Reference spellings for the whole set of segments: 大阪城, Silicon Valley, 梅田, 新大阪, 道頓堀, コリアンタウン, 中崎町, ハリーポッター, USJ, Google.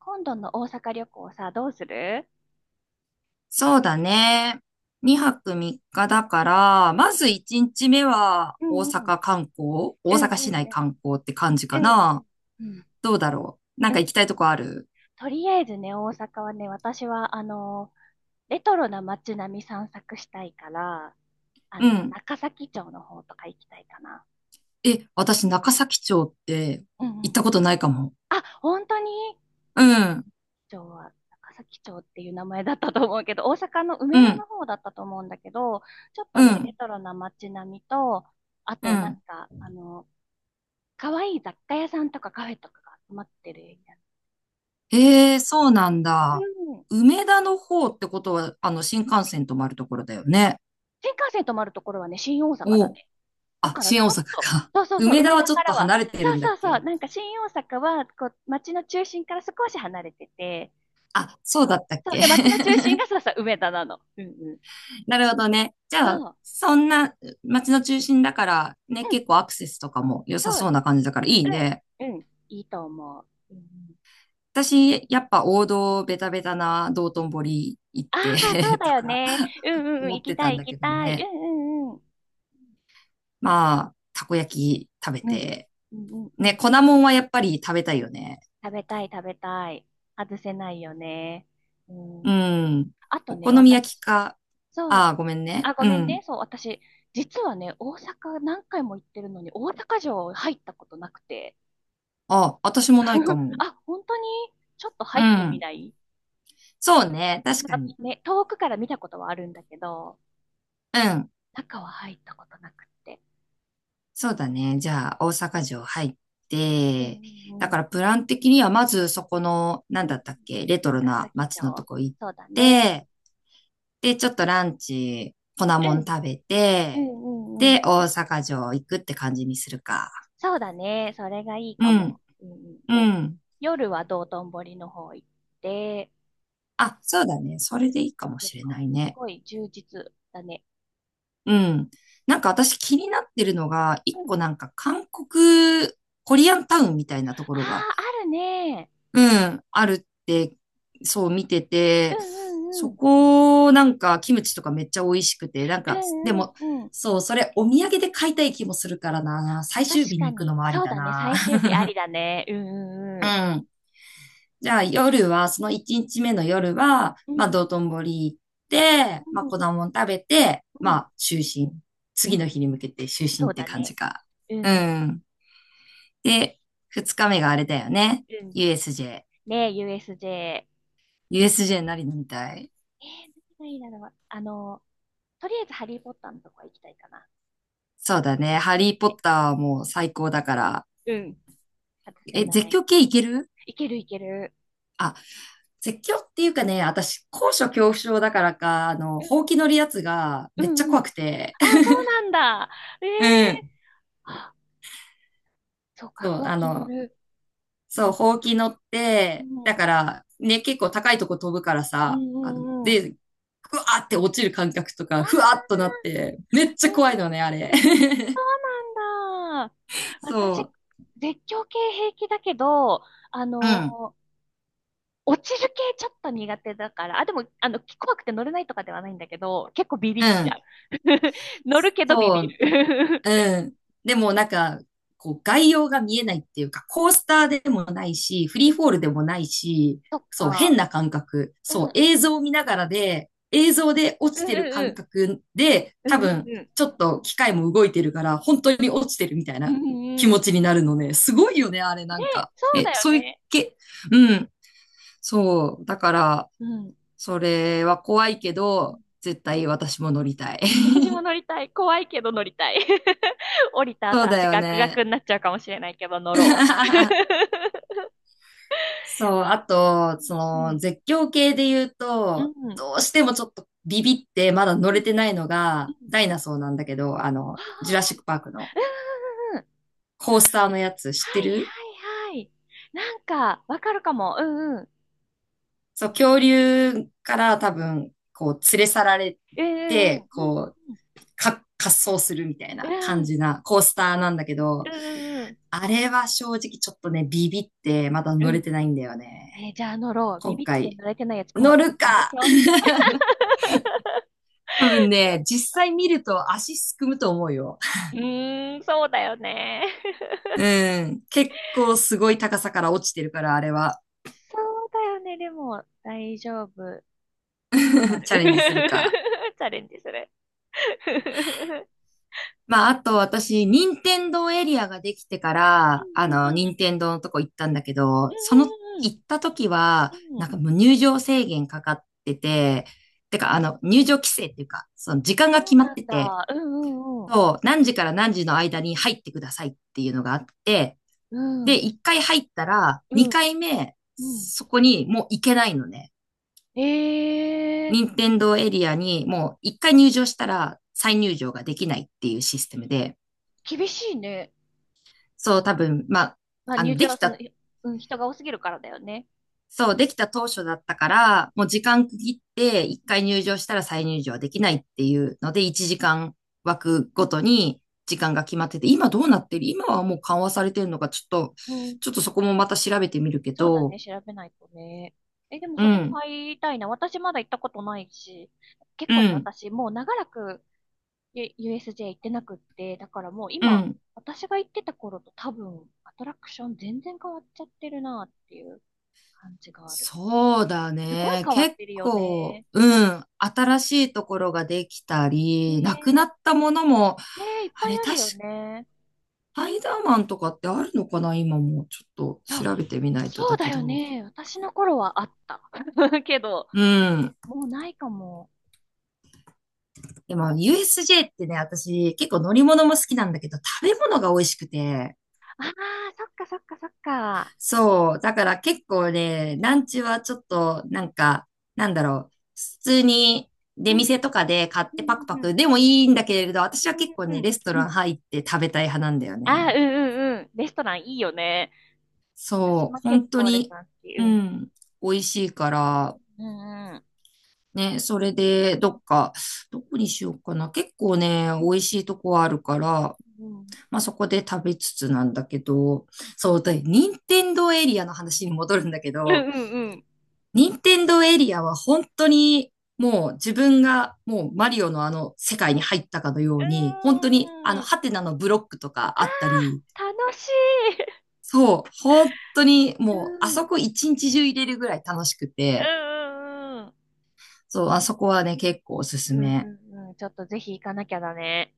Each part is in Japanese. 今度の大阪旅行さ、どうする？そうだね。2泊3日だから、うまず1日目は大んうん。うん阪観光、大う阪市ん内うん。観光って感じうかんうな。ん。うんどうだろう。なんうん。か行きたいとこある？とりあえずね、大阪はね、私は、レトロな街並み散策したいから、うん。中崎町の方とか行きたいかな。え、私中崎町ってうんう行っん。たことないかも。あ、本当に？うん、町は、中崎町っていう名前だったと思うけど、大阪の梅う田ん、の方だったと思うんだけど、ちょっとうね、レん、トロな街並みと、あうとなんん。か、可愛い雑貨屋さんとかカフェとかが集まってるエリええ、そうなんア。うだ。ん。梅田の方ってことは、新幹線止まるところだよね。新幹線止まるところはね、新大阪だお、ね。だあ、からち新大ょっ阪と、か。そうそうそう、梅田梅田はちょかっとらは、離れてそるうんだっそうそう、け？なんか新大阪は、こう、街の中心から少し離れてて、あ、そそうだう、ったっそう、け？ で、街の 中心がそうそう、梅田なの。うんうん。なるほどね。じそゃあ、う、そんな街の中心だからね、うん、結構アクセスとかも良そさう、そうな感じだからいいね。うん、うん、いいと思う。うんうん、私、やっぱ王道ベタベタな道頓堀行っああ、て そう だとよかね。うんうんうん、思行っきてたたんい行だきけどたい。うね。んうんうん。まあ、たこ焼き食べうん、て。うんうんね、うん。粉もんはやっぱり食べたいよね。食べたい、食べたい。外せないよね。ううん。ん。あとお好ね、み焼き私、か。そあう、あ、ごめんね。あ、ごうめんん。ね。そう、私、実はね、大阪何回も行ってるのに、大阪城入ったことなくて。あ、私もないか も。あ、本当に？ちょっとう入ってみん。ない？そうね。な確んかかに。ね、遠くから見たことはあるんだけど、うん。中は入ったことなくって。そうだね。じゃあ、大阪城入っうん、て、うだん、うん。からプラン的にはまずそこの、なうんんうだん、ったっけ、レトロ中な崎街のと町。こ行っそうだね。て、で、ちょっとランチ、粉うもんん、食べうて、ん、うん、うん。で、大阪城行くって感じにするか。そうだね。それがいいうかも。ん、うんうん、うで、ん。夜は道頓堀の方行って、あ、そうだね。そうん、れ行でいいかもけしるれかなも。いすね。ごい充実だね。うん。なんか私気になってるのが、う一個ん。なんか韓国、コリアンタウンみたいなとこああ、ろがあるね。うん、あるって、そう見てうて、んうんうそん。こ、なんか、キムチとかめっちゃ美味しくて、なんうか、でんうも、んうん。そう、それ、お土産で買いたい気もするからな。最確終日にか行くのに。もありそうだだね。な。最終日ありだね。うんうん ううん。ん。じゃあ、夜は、その1日目の夜は、うまあ、道ん頓堀行って、まうあ、ん粉もん食べて、うまん。あ、就寝。うん次うん、の日に向けて就そ寝っうてだ感じね。か。うんううん、ん。で、2日目があれだよね。USJ。ねえ、USJ。USJ 何飲みたい？えー、何がいいだろう。とりあえずハリーポッターのとこ行きたいかな。そうだね。ハリーポッね、ターはもう最高だから。うん。外せえ、な絶い。叫系いける？いけるいける。あ、絶叫っていうかね、私、高所恐怖症だからか、うほうんき乗るやつがうんめっちうゃんうん。怖くて。あ、そうなんだ。えうえ、ん。あ、そうか、そう、ほうき乗る。そうう、ん、ほうき乗っうて、ん、だから、ね、結構高いとこ飛ぶからうさ、んうんうん。で、ふわーって落ちる感覚とあか、ふわーっあ、となって、めっうちゃん怖いのね、あれ。うんうん。そうなんだ。私、そう。絶叫系平気だけど、あうん。のー落ちる系ちょっと苦手だから、あ、でも、怖くて乗れないとかではないんだけど、結構ビビっうちゃう。ん。乗るけどビビそうる。うん。でもなんか、こう概要が見えないっていうか、コースターでもないし、フリーフォー ルでもないし、そっそう、変か。な感覚。うそん、う、うん、映像を見ながらで、映像で落うちてる感ん、覚で、う多ん、分、うん、ちょっと機械も動いてるから、本当に落ちてるみたいうん、なう気ん、う持ん、うちん、にうん、なるのね。すごいよね、あれなねんえ、か。そうえ、だよそういうね。け、うん。そう、だから、うん。それは怖いけど、絶対私も乗りたい。私も 乗りたい。怖いけど乗りたい。降りたそ後うだ足よガクガね。クになっちゃうかもしれないけど乗ろ そう、あと、そう。うの、ん。絶叫系で言ううと、ん。うん。どうしてもちょっとビビって、まだ乗うれんてないのうが、ん、ダイナソーなんだけど、あジュラあ、シックパークのうんうんうん。コースターのやつ知はっている？はいはい。なんか、わかるかも。うんうん。そう、恐竜から多分、こう、連れ去られうんうて、こう、んか、滑走するみたいうなん。う感んじなコースターなんだけうど、んうん。うんあれは正直ちょっとね、ビビって、まだうん乗うれん。てないんだよね。えー、じゃあ乗ろう。ビ今ビって回、乗れてないやつ今乗回る試か？そう。多分 ちょ、ね、実際見ると足すくむと思うよ。うーん、そうだよね。うん。結構すごい高さから落ちてるから、あれは。そうだよね。でも、大丈夫。頑張 る。チャレンジするか。チャレンジする。うまあ、あと私、任天堂エリアができてかんら、うんう任ん。天堂のとこ行ったんだけうど、その、んうん行った時は、うん。うなんん。かもう入場制限かかってて、てか、入場規制っていうか、その時間がそう決まっなてんて、だ。うんうんそう、何時から何時の間に入ってくださいっていうのがあって、うん。で、うん。一回入ったら、う二ん。回目、うん。そこにもう行けないのね。え任え天堂エリアにもう一回入場したら再入場ができないっていうシステムで、ー、厳しいね。そう多分、まあ、まあ、入で場はきその、た、い、うん、人が多すぎるからだよね。そう、できた当初だったから、もう時間区切って一回入場したら再入場はできないっていうので、一時間枠ごとに時間が決まってて、今どうなってる？今はもう緩和されてるのか、ちょっと、うん。そこもまた調べてみるけそうだね。ど、調べないとね。え、でもうそこもん、入りたいな。私まだ行ったことないし。結う構ね、ん、私もう長らくゆ、 USJ 行ってなくって、だからもうう今、ん。私が行ってた頃と多分、アトラクション全然変わっちゃってるなっていう感じがある。そうだすごいね。変わっ結てるよ構、ね。うん、新しいところができたり、なくなねったものも、え、ねえ、いっぱあいれ、ある確か、よね。スパイダーマンとかってあるのかな？今もちょっとあ、調べてみないとそうだだけよど。ね。私の頃はあった。けど、うん。もうないかも。でも、USJ ってね、私結構乗り物も好きなんだけど、食べ物が美味しくて。ああ、そっかそっかそっか。そう。だから結構ね、ラうンチはちょっと、なんか、なんだろう。普通に出ん、店とかで買っうてん、パクパうん、クでもいいんだけれど、私うは結ん、構ね、うん、レストうラん。ン入って食べたい派なんだよああー、ね。うん、うん、うん。レストランいいよね。私そう。も結本当構レストに、ラン好き。ううん、ん。美味しいから、うん、うん。ね、それで、どっか、どこにしようかな。結構ね、うん美味しいとこあるから、うんまあそこで食べつつなんだけど、そう、で、任天堂エリアの話に戻るんだけうんど、うんうん。任天堂エリアは本当にもう自分がもうマリオのあの世界に入ったかのように、本当にあうーのん。ハテナのブロックとかあったり、楽しい。そう、本当にうもうあんうんそこ一日中入れるぐらい楽しくて、うんそう、あそこはね、結構おすすうんめ。うんうんうん。ちょっとぜひ行かなきゃだね。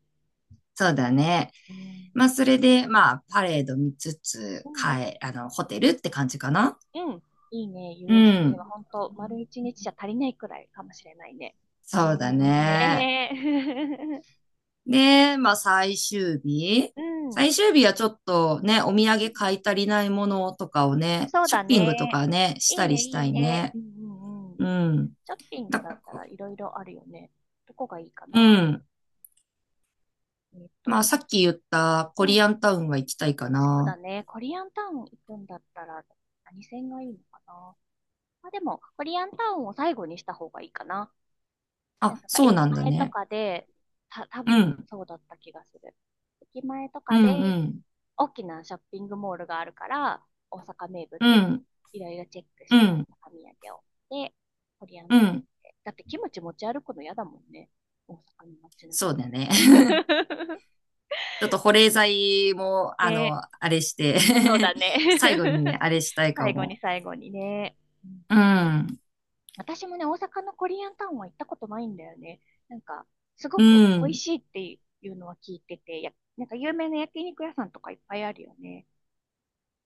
そうだね。うん。まあ、それで、まあ、パレード見つつ、うんうん。帰、あの、ホテルって感じかな。うん。うんん、いいね。う USD はん。本当丸一日じゃ足りないくらいかもしれないね。そうだね。ねえ。で、まあ最終日。うん。うん、最終日はちょっとね、お土産買い足りないものとかをね、そうショだッピングとね。かね、しいいたりね、しいいたいね。ね。うんうんうん。うん。ショッピングだだっかたら、らいろいろあるよね。どこがいいかうな？ん。えっまあと、さっき言ったコうん、リアンタウンは行きたいかそうだな。ね。コリアンタウン行くんだったら、何線がいいのかな。まあ、でも、コリアンタウンを最後にした方がいいかな。なんあ、か、そうな駅んだ前とね。かで、た、多う分ん。そうだった気がする。駅前とうかん、で、うん。大きなショッピングモールがあるから、大阪名う物、ん、いろいろチェックしうて、ん、大阪土産を。で、コリアンうタウん。ンで。だってキムチ持ち歩くの嫌だもんね。大阪の街なんそうか。だね。ちょっと保冷剤も、ね、あれして そうだね。最後にね、あれしたいか最後に、も。最後にね。うん、うん、私もね、大阪のコリアンタウンは行ったことないんだよね。なんか、すごうく美味ん。しいっていうのは聞いてて、や、なんか有名な焼肉屋さんとかいっぱいあるよね。いっ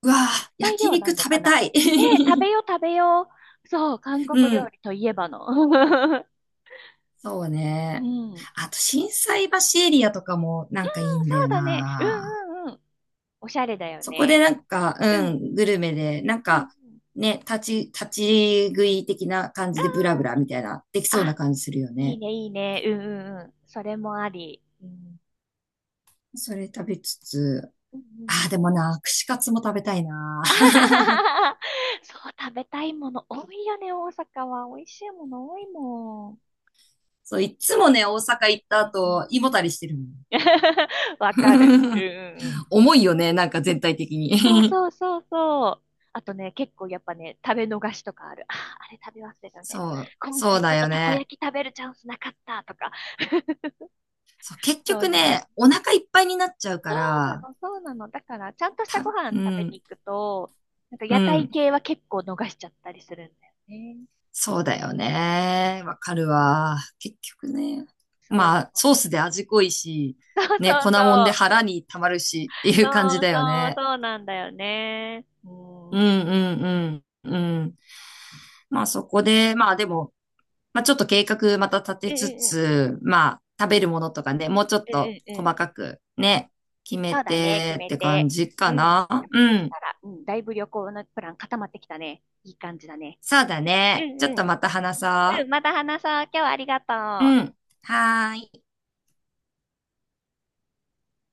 うわぁ、ぱいで焼はない肉の食かべたな。い。ねえ、食べよう食べよう。そう、韓う国料ん。理といえばの。そううね。ん。うん、あと、心斎橋エリアとかもなんかいいんだそうよだね。うな。んうんうん。おしゃれだよそこでね。なんか、ううん。ん、グルメで、なんうんうん。か、ね、立ち食い的な感じでブラブラみたいな、できそうあ、な感じするよいいね。ねいいね。うんうんうん。それもあり。うん。それ食べつつ、うんうん。 ああ、でもな、串カツも食べたいな。あ はははそう、食べたいもの多いよね、大阪は。美味しいもの多いもん。そう、いつもね、大阪行ったうんうん。 後、胃もたりしてるも ん。わかる。うん うんうん。重いよね、なんか全体的そうに。そうそうそう。あとね、結構やっぱね、食べ逃しとかある。あー、あれ食べ忘 れたみたいな。そう、今そう回ちょだっとよたこね。焼き食べるチャンスなかったとか、そう、結そう局いう。ね、お腹いっぱいになっちゃうかそうなら、の、そうなの。だから、ちゃんとしたた、ご飯う食べん、に行くと、なんかう屋台ん。系は結構逃しちゃったりするんだよね。そうだよね。わかるわ。結局ね。まそあ、う。ソースで味濃いし、そうね、そう粉そもんでう。腹に溜まるしっていう感そじうだよそう、ね。そうなんだよね。ううんん。うんうんうん。うん。まあそこで、まあでも、まあちょっと計画また立てうつんうん。つ、まあ食べるものとかね、もうちょっうとんうんうん。細かくうん、ね、決めそうだね、決てっめて感て。じかうん。でな。もうそうしん。たら、うん、だいぶ旅行のプラン固まってきたね。いい感じだね。そうだうんね。ちょっうとん。また話うそん、また話そう。今日はありがとう。うう。ん。はーい。